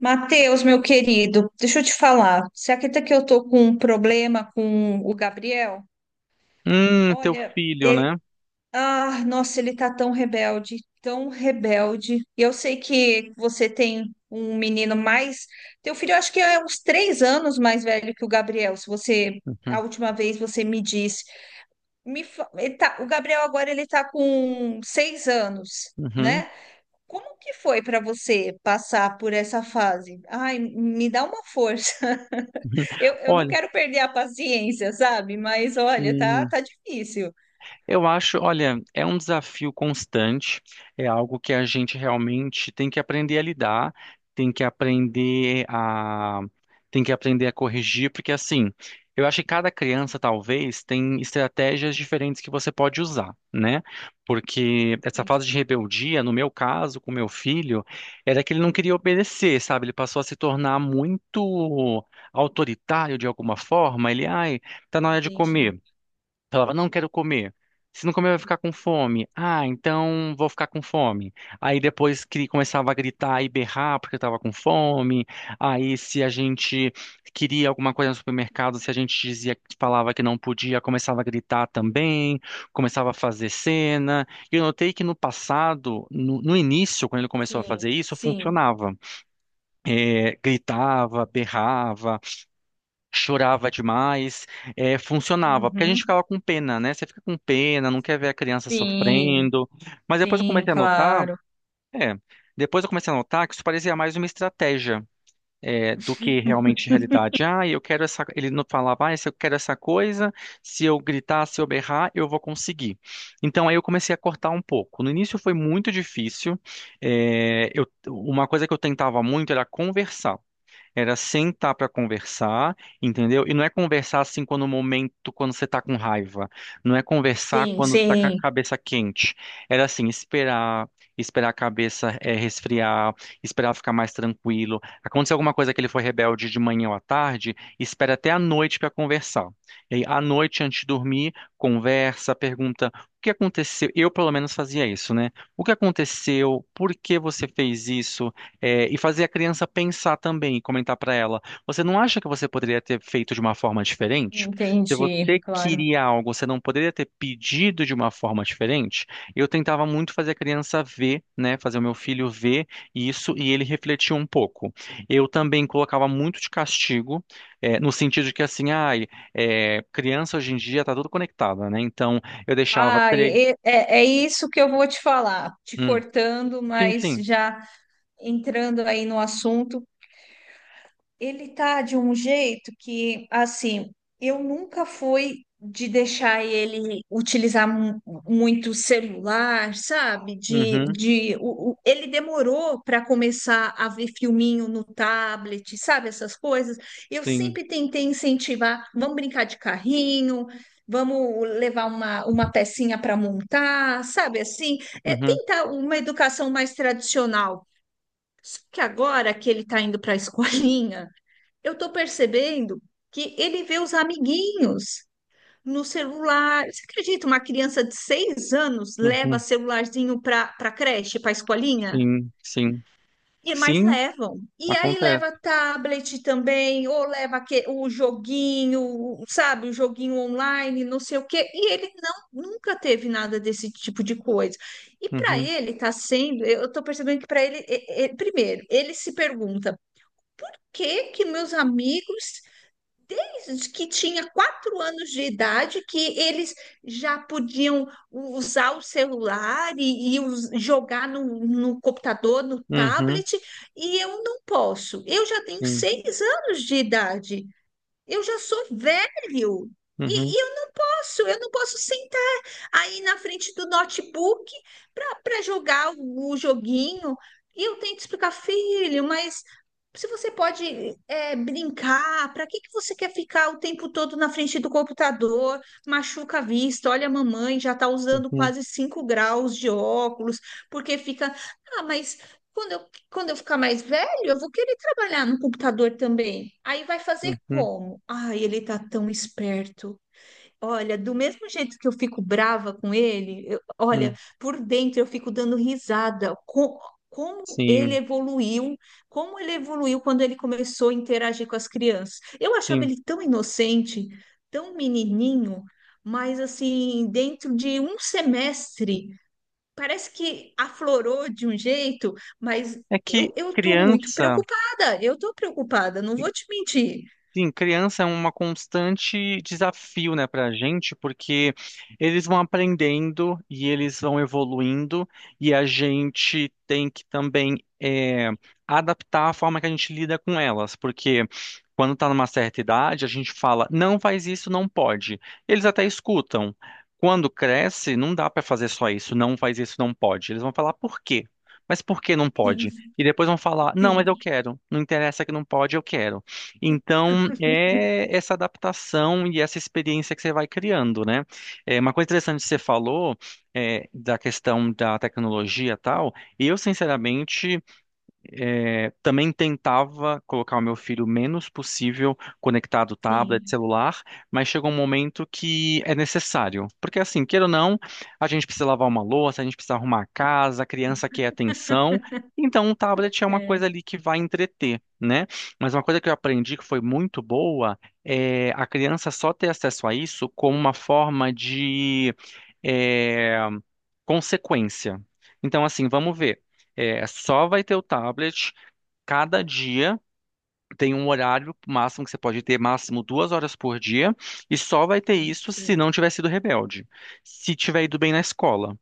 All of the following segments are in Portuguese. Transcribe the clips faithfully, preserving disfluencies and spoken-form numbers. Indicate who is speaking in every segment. Speaker 1: Matheus, meu querido, deixa eu te falar. Você acredita que eu tô com um problema com o Gabriel?
Speaker 2: Hum, teu
Speaker 1: Olha,
Speaker 2: filho,
Speaker 1: ele,
Speaker 2: né?
Speaker 1: ah, nossa, ele tá tão rebelde, tão rebelde. E eu sei que você tem um menino mais. Teu filho, eu acho que é uns três anos mais velho que o Gabriel. Se você, a
Speaker 2: Uhum,
Speaker 1: última vez você me disse, me, fa- ele tá, o Gabriel agora ele tá com seis anos,
Speaker 2: uhum.
Speaker 1: né? Como que foi para você passar por essa fase? Ai, me dá uma força. Eu, eu não
Speaker 2: Olha,
Speaker 1: quero perder a paciência, sabe? Mas olha, tá,
Speaker 2: sim.
Speaker 1: tá difícil.
Speaker 2: Eu acho, olha, é um desafio constante, é algo que a gente realmente tem que aprender a lidar, tem que aprender a, tem que aprender a corrigir, porque assim, eu acho que cada criança talvez tem estratégias diferentes que você pode usar, né? Porque essa
Speaker 1: Entendi,
Speaker 2: fase de rebeldia, no meu caso, com meu filho, era que ele não queria obedecer, sabe? Ele passou a se tornar muito autoritário de alguma forma. Ele, ai, tá na hora de
Speaker 1: entendi.
Speaker 2: comer. Falava, não quero comer. Se não comer, vai ficar com fome. Ah, então vou ficar com fome. Aí depois que começava a gritar e berrar porque eu tava com fome. Aí se a gente queria alguma coisa no supermercado, se a gente dizia, falava que não podia, começava a gritar também, começava a fazer cena. E eu notei que no passado, no, no início, quando ele começou a
Speaker 1: Sim,
Speaker 2: fazer isso,
Speaker 1: sim.
Speaker 2: funcionava. É, gritava, berrava, chorava demais, eh, funcionava, porque a gente
Speaker 1: Uhum.
Speaker 2: ficava com pena, né? Você fica com pena, não quer ver a criança
Speaker 1: Sim,
Speaker 2: sofrendo. Mas depois eu
Speaker 1: sim,
Speaker 2: comecei a notar,
Speaker 1: claro.
Speaker 2: é, Depois eu comecei a notar que isso parecia mais uma estratégia. Eh, do que realmente realidade. Ah, eu quero essa. Ele não falava, ah, se eu quero essa coisa, se eu gritar, se eu berrar, eu vou conseguir. Então aí eu comecei a cortar um pouco. No início foi muito difícil. Eh, eu- uma coisa que eu tentava muito era conversar. Era sentar pra conversar, entendeu? E não é conversar assim quando o momento, quando você tá com raiva. Não é conversar
Speaker 1: Sim,
Speaker 2: quando você tá com a
Speaker 1: sim.
Speaker 2: cabeça quente. Era assim, esperar, esperar a cabeça eh, resfriar, esperar ficar mais tranquilo. Aconteceu alguma coisa que ele foi rebelde de manhã ou à tarde, espera até à noite pra conversar. E aí, à noite, antes de dormir, conversa, pergunta o que aconteceu. Eu, pelo menos, fazia isso, né? O que aconteceu? Por que você fez isso? É, e fazer a criança pensar também e comentar para ela: você não acha que você poderia ter feito de uma forma diferente? Se
Speaker 1: Entendi,
Speaker 2: você
Speaker 1: claro.
Speaker 2: queria algo, você não poderia ter pedido de uma forma diferente? Eu tentava muito fazer a criança ver, né, fazer o meu filho ver isso e ele refletir um pouco. Eu também colocava muito de castigo, é, no sentido de que assim, ai, é, criança hoje em dia tá tudo conectada, né? Então eu deixava
Speaker 1: Ah,
Speaker 2: três.
Speaker 1: e- e- é, é isso que eu vou te falar, te
Speaker 2: Hum.
Speaker 1: cortando,
Speaker 2: Sim,
Speaker 1: mas
Speaker 2: sim.
Speaker 1: já entrando aí no assunto. Ele tá de um jeito que, assim, eu nunca fui de deixar ele utilizar mu- muito celular, sabe? De,
Speaker 2: Uhum,
Speaker 1: de o, o- ele demorou para começar a ver filminho no tablet, sabe? Essas coisas. Eu
Speaker 2: sim.
Speaker 1: sempre tentei incentivar, vamos brincar de carrinho, vamos levar uma, uma pecinha para montar, sabe? Assim, é
Speaker 2: Uhum,
Speaker 1: tentar uma educação mais tradicional. Só que agora que ele está indo para a escolinha, eu estou percebendo que ele vê os amiguinhos no celular. Você acredita? Uma criança de seis anos leva
Speaker 2: uhum,
Speaker 1: celularzinho para para creche, para escolinha?
Speaker 2: sim, sim.
Speaker 1: E mais
Speaker 2: Sim,
Speaker 1: levam. E aí
Speaker 2: acontece.
Speaker 1: leva tablet também, ou leva que, o joguinho, sabe, o joguinho online, não sei o quê. E ele não nunca teve nada desse tipo de coisa. E para
Speaker 2: Uhum,
Speaker 1: ele está sendo, eu estou percebendo que para ele, é- é- primeiro, ele se pergunta: que que meus amigos que tinha quatro anos de idade que eles já podiam usar o celular e, e us- jogar no, no computador, no
Speaker 2: uhum,
Speaker 1: tablet, e eu não posso. Eu já tenho
Speaker 2: sim.
Speaker 1: seis anos de idade, eu já sou velho. E,
Speaker 2: Uhum,
Speaker 1: e eu, nossa, eu não posso sentar aí na frente do notebook para jogar o, o joguinho. E eu tento explicar, filho, mas se você pode é, brincar, para que, que você quer ficar o tempo todo na frente do computador? Machuca a vista, olha a mamãe, já está usando
Speaker 2: uhum,
Speaker 1: quase cinco graus de óculos, porque fica. Ah, mas quando eu, quando eu ficar mais velho, eu vou querer trabalhar no computador também. Aí vai fazer
Speaker 2: uhum,
Speaker 1: como? Ai, ele tá tão esperto. Olha, do mesmo jeito que eu fico brava com ele, eu- olha,
Speaker 2: uhum,
Speaker 1: por dentro eu fico dando risada. Co- como ele
Speaker 2: sim,
Speaker 1: evoluiu, como ele evoluiu quando ele começou a interagir com as crianças. Eu achava
Speaker 2: sim.
Speaker 1: ele tão inocente, tão menininho, mas assim, dentro de um semestre, parece que aflorou de um jeito, mas
Speaker 2: É que
Speaker 1: eu, eu tô muito
Speaker 2: criança.
Speaker 1: preocupada, eu tô preocupada, não vou te mentir.
Speaker 2: Sim, criança é uma constante desafio, né, pra gente, porque eles vão aprendendo e eles vão evoluindo, e a gente tem que também é, adaptar a forma que a gente lida com elas, porque quando tá numa certa idade, a gente fala, não faz isso, não pode. Eles até escutam. Quando cresce, não dá pra fazer só isso, não faz isso, não pode. Eles vão falar por quê? Mas por que não pode?
Speaker 1: Sim,
Speaker 2: E depois vão falar, não,
Speaker 1: sim,
Speaker 2: mas eu quero. Não interessa que não pode, eu quero. Então, é essa adaptação e essa experiência que você vai criando, né? É, uma coisa interessante que você falou é, da questão da tecnologia e tal, eu, sinceramente, é, também tentava colocar o meu filho o menos possível conectado tablet,
Speaker 1: sim,
Speaker 2: celular, mas chegou um momento que é necessário. Porque assim, queira ou não, a gente precisa lavar uma louça, a gente precisa arrumar a casa, a criança quer atenção. Então, um tablet é uma coisa
Speaker 1: é,
Speaker 2: ali que vai entreter, né? Mas uma coisa que eu aprendi que foi muito boa é a criança só ter acesso a isso como uma forma de é, consequência. Então, assim, vamos ver. É, só vai ter o tablet cada dia. Tem um horário máximo que você pode ter, máximo duas horas por dia, e só vai ter
Speaker 1: sim,
Speaker 2: isso se
Speaker 1: sim.
Speaker 2: não tiver sido rebelde, se tiver ido bem na escola,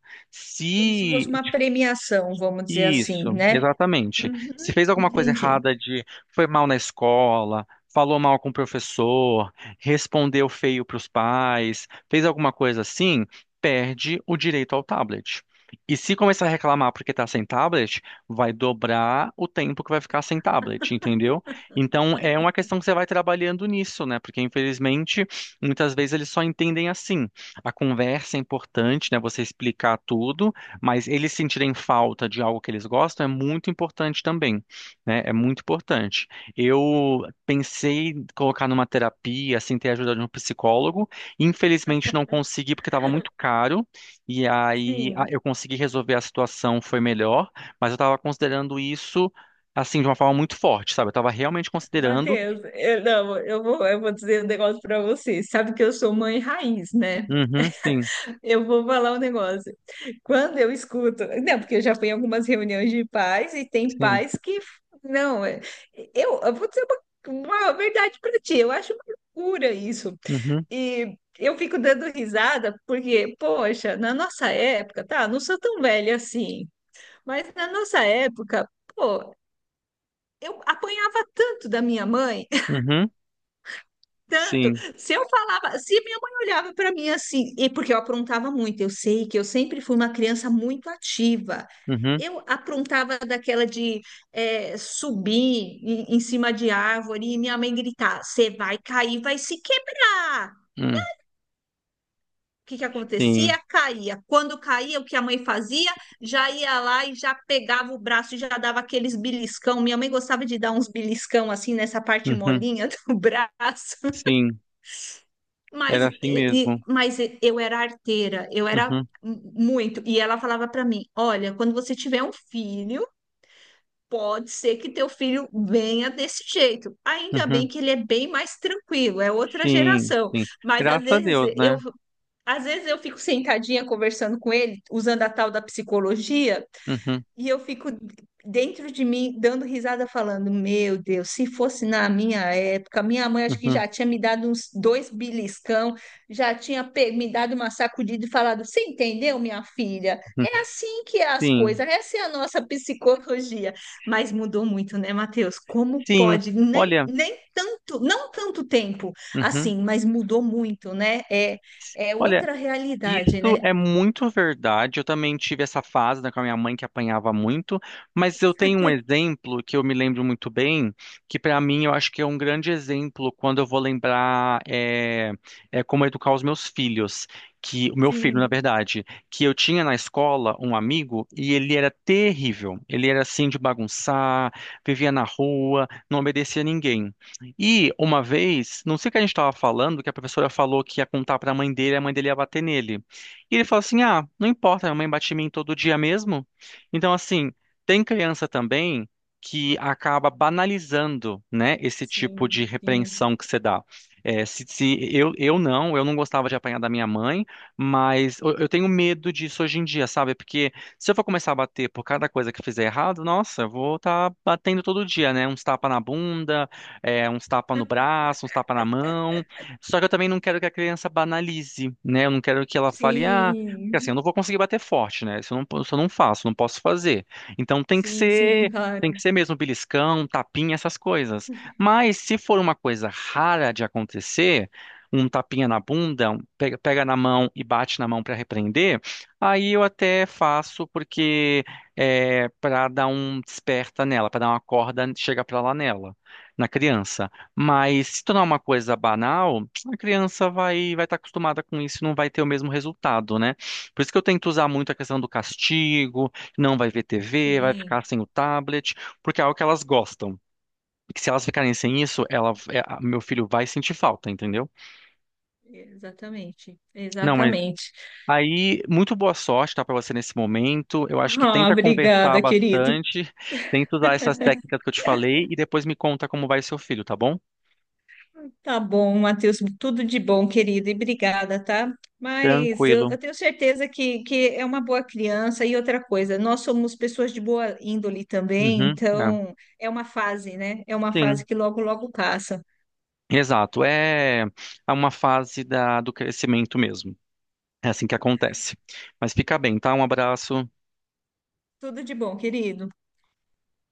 Speaker 1: Como se fosse
Speaker 2: se
Speaker 1: uma premiação, vamos dizer assim,
Speaker 2: isso,
Speaker 1: né?
Speaker 2: exatamente. Se
Speaker 1: Uhum,
Speaker 2: fez alguma coisa
Speaker 1: entendi.
Speaker 2: errada, de foi mal na escola, falou mal com o professor, respondeu feio para os pais, fez alguma coisa assim, perde o direito ao tablet. E se começar a reclamar porque está sem tablet, vai dobrar o tempo que vai ficar sem tablet, entendeu? Então é uma questão que você vai trabalhando nisso, né? Porque infelizmente muitas vezes eles só entendem assim. A conversa é importante, né? Você explicar tudo, mas eles sentirem falta de algo que eles gostam é muito importante também, né? É muito importante. Eu pensei em colocar numa terapia, assim, ter a ajuda de um psicólogo. Infelizmente não consegui porque estava muito caro. E aí a-
Speaker 1: Sim.
Speaker 2: eu consegui resolver a situação, foi melhor. Mas eu estava considerando isso, assim, de uma forma muito forte, sabe? Eu estava realmente considerando.
Speaker 1: Matheus, eu, não, eu vou, eu vou dizer um negócio para você. Sabe que eu sou mãe raiz, né?
Speaker 2: Uhum, sim,
Speaker 1: Eu vou falar um negócio. Quando eu escuto, não, porque eu já fui em algumas reuniões de pais e tem
Speaker 2: sim.
Speaker 1: pais que, não, é- eu, eu vou dizer uma, uma verdade para ti. Eu acho uma loucura isso.
Speaker 2: Uhum,
Speaker 1: E eu fico dando risada porque, poxa, na nossa época, tá? Não sou tão velha assim. Mas na nossa época, pô, eu apanhava tanto da minha mãe,
Speaker 2: uhum,
Speaker 1: tanto.
Speaker 2: sim.
Speaker 1: Se eu falava, se minha mãe olhava para mim assim, e porque eu aprontava muito, eu sei que eu sempre fui uma criança muito ativa.
Speaker 2: Uhum,
Speaker 1: Eu aprontava daquela de eh, subir em, em cima de árvore e minha mãe gritar: Você vai cair, vai se quebrar.
Speaker 2: hum,
Speaker 1: O que que
Speaker 2: sim.
Speaker 1: acontecia? Caía. Quando caía, o que a mãe fazia? Já ia lá e já pegava o braço e já dava aqueles beliscão. Minha mãe gostava de dar uns beliscão assim nessa parte
Speaker 2: Uhum,
Speaker 1: molinha do braço.
Speaker 2: sim.
Speaker 1: Mas,
Speaker 2: Era
Speaker 1: e-
Speaker 2: assim
Speaker 1: e-
Speaker 2: mesmo.
Speaker 1: mas eu era arteira, eu era
Speaker 2: Uhum,
Speaker 1: muito. E ela falava para mim: Olha, quando você tiver um filho, pode ser que teu filho venha desse jeito. Ainda bem
Speaker 2: uhum.
Speaker 1: que ele é bem mais tranquilo, é outra
Speaker 2: Sim,
Speaker 1: geração.
Speaker 2: sim.
Speaker 1: Mas às
Speaker 2: Graças a
Speaker 1: vezes
Speaker 2: Deus, né?
Speaker 1: eu, às vezes eu fico sentadinha conversando com ele, usando a tal da psicologia,
Speaker 2: Uhum,
Speaker 1: e eu fico dentro de mim dando risada, falando: Meu Deus, se fosse na minha época, minha mãe acho que
Speaker 2: uhum,
Speaker 1: já tinha me dado uns dois beliscão, já tinha pe- me dado uma sacudida e falado: Você entendeu, minha filha?
Speaker 2: uhum.
Speaker 1: É assim que é as
Speaker 2: Sim,
Speaker 1: coisas, essa é a nossa psicologia. Mas mudou muito, né, Matheus? Como
Speaker 2: sim.
Speaker 1: pode? Nem,
Speaker 2: Olha,
Speaker 1: nem tanto, não tanto tempo
Speaker 2: uhum.
Speaker 1: assim, mas mudou muito, né? É, é
Speaker 2: Olha,
Speaker 1: outra realidade,
Speaker 2: isso
Speaker 1: né?
Speaker 2: é muito verdade. Eu também tive essa fase, né, com a minha mãe que apanhava muito, mas eu tenho um exemplo que eu me lembro muito bem, que para mim eu acho que é um grande exemplo quando eu vou lembrar é, é como educar os meus filhos, que o meu filho, na
Speaker 1: Sim,
Speaker 2: verdade, que eu tinha na escola um amigo e ele era terrível. Ele era assim de bagunçar, vivia na rua, não obedecia a ninguém. E uma vez, não sei o que a gente estava falando, que a professora falou que ia contar para a mãe dele, e a mãe dele ia bater nele. E ele falou assim: "Ah, não importa, minha mãe bate em mim todo dia mesmo". Então, assim, tem criança também que acaba banalizando, né, esse tipo de
Speaker 1: sim, sim.
Speaker 2: repreensão que você dá. É, se, se eu, eu não, eu não gostava de apanhar da minha mãe, mas eu, eu tenho medo disso hoje em dia, sabe? Porque se eu for começar a bater por cada coisa que eu fizer errado, nossa, eu vou estar batendo todo dia, né? Uns tapa na bunda, é, uns tapa no braço, uns tapa na mão. Só que eu também não quero que a criança banalize, né? Eu não quero que ela fale, ah, porque assim,
Speaker 1: Sim,
Speaker 2: eu não vou conseguir bater forte, né? Isso eu não, isso eu não faço, não posso fazer. Então tem que
Speaker 1: sim, sim,
Speaker 2: ser, tem que
Speaker 1: claro.
Speaker 2: ser mesmo beliscão, tapinha, essas coisas. Mas se for uma coisa rara de acontecer, um tapinha na bunda, um pega, pega na mão e bate na mão para repreender, aí eu até faço porque é para dar um desperta nela, para dar uma corda, chega para lá nela, na criança. Mas se tornar uma coisa banal, a criança vai vai estar acostumada com isso e não vai ter o mesmo resultado, né? Por isso que eu tento usar muito a questão do castigo, não vai ver T V, vai
Speaker 1: Sim,
Speaker 2: ficar sem o tablet, porque é algo que elas gostam. E que se elas ficarem sem isso, ela, é, a- meu filho vai sentir falta, entendeu?
Speaker 1: exatamente.
Speaker 2: Não, mas
Speaker 1: Exatamente.
Speaker 2: aí, muito boa sorte, tá, para você nesse momento. Eu acho que
Speaker 1: Ah,
Speaker 2: tenta conversar
Speaker 1: obrigada, querido.
Speaker 2: bastante, tenta usar essas técnicas que eu te falei e depois me conta como vai seu filho, tá bom?
Speaker 1: Tá bom, Matheus, tudo de bom, querido, e obrigada, tá? Mas eu,
Speaker 2: Tranquilo.
Speaker 1: eu tenho certeza que, que é uma boa criança. E outra coisa, nós somos pessoas de boa índole também,
Speaker 2: Uhum. É.
Speaker 1: então é uma fase, né? É uma fase
Speaker 2: Sim,
Speaker 1: que logo, logo passa.
Speaker 2: exato. É é uma fase da, do crescimento mesmo. É assim que acontece. Mas fica bem, tá? Um abraço.
Speaker 1: Tudo de bom, querido.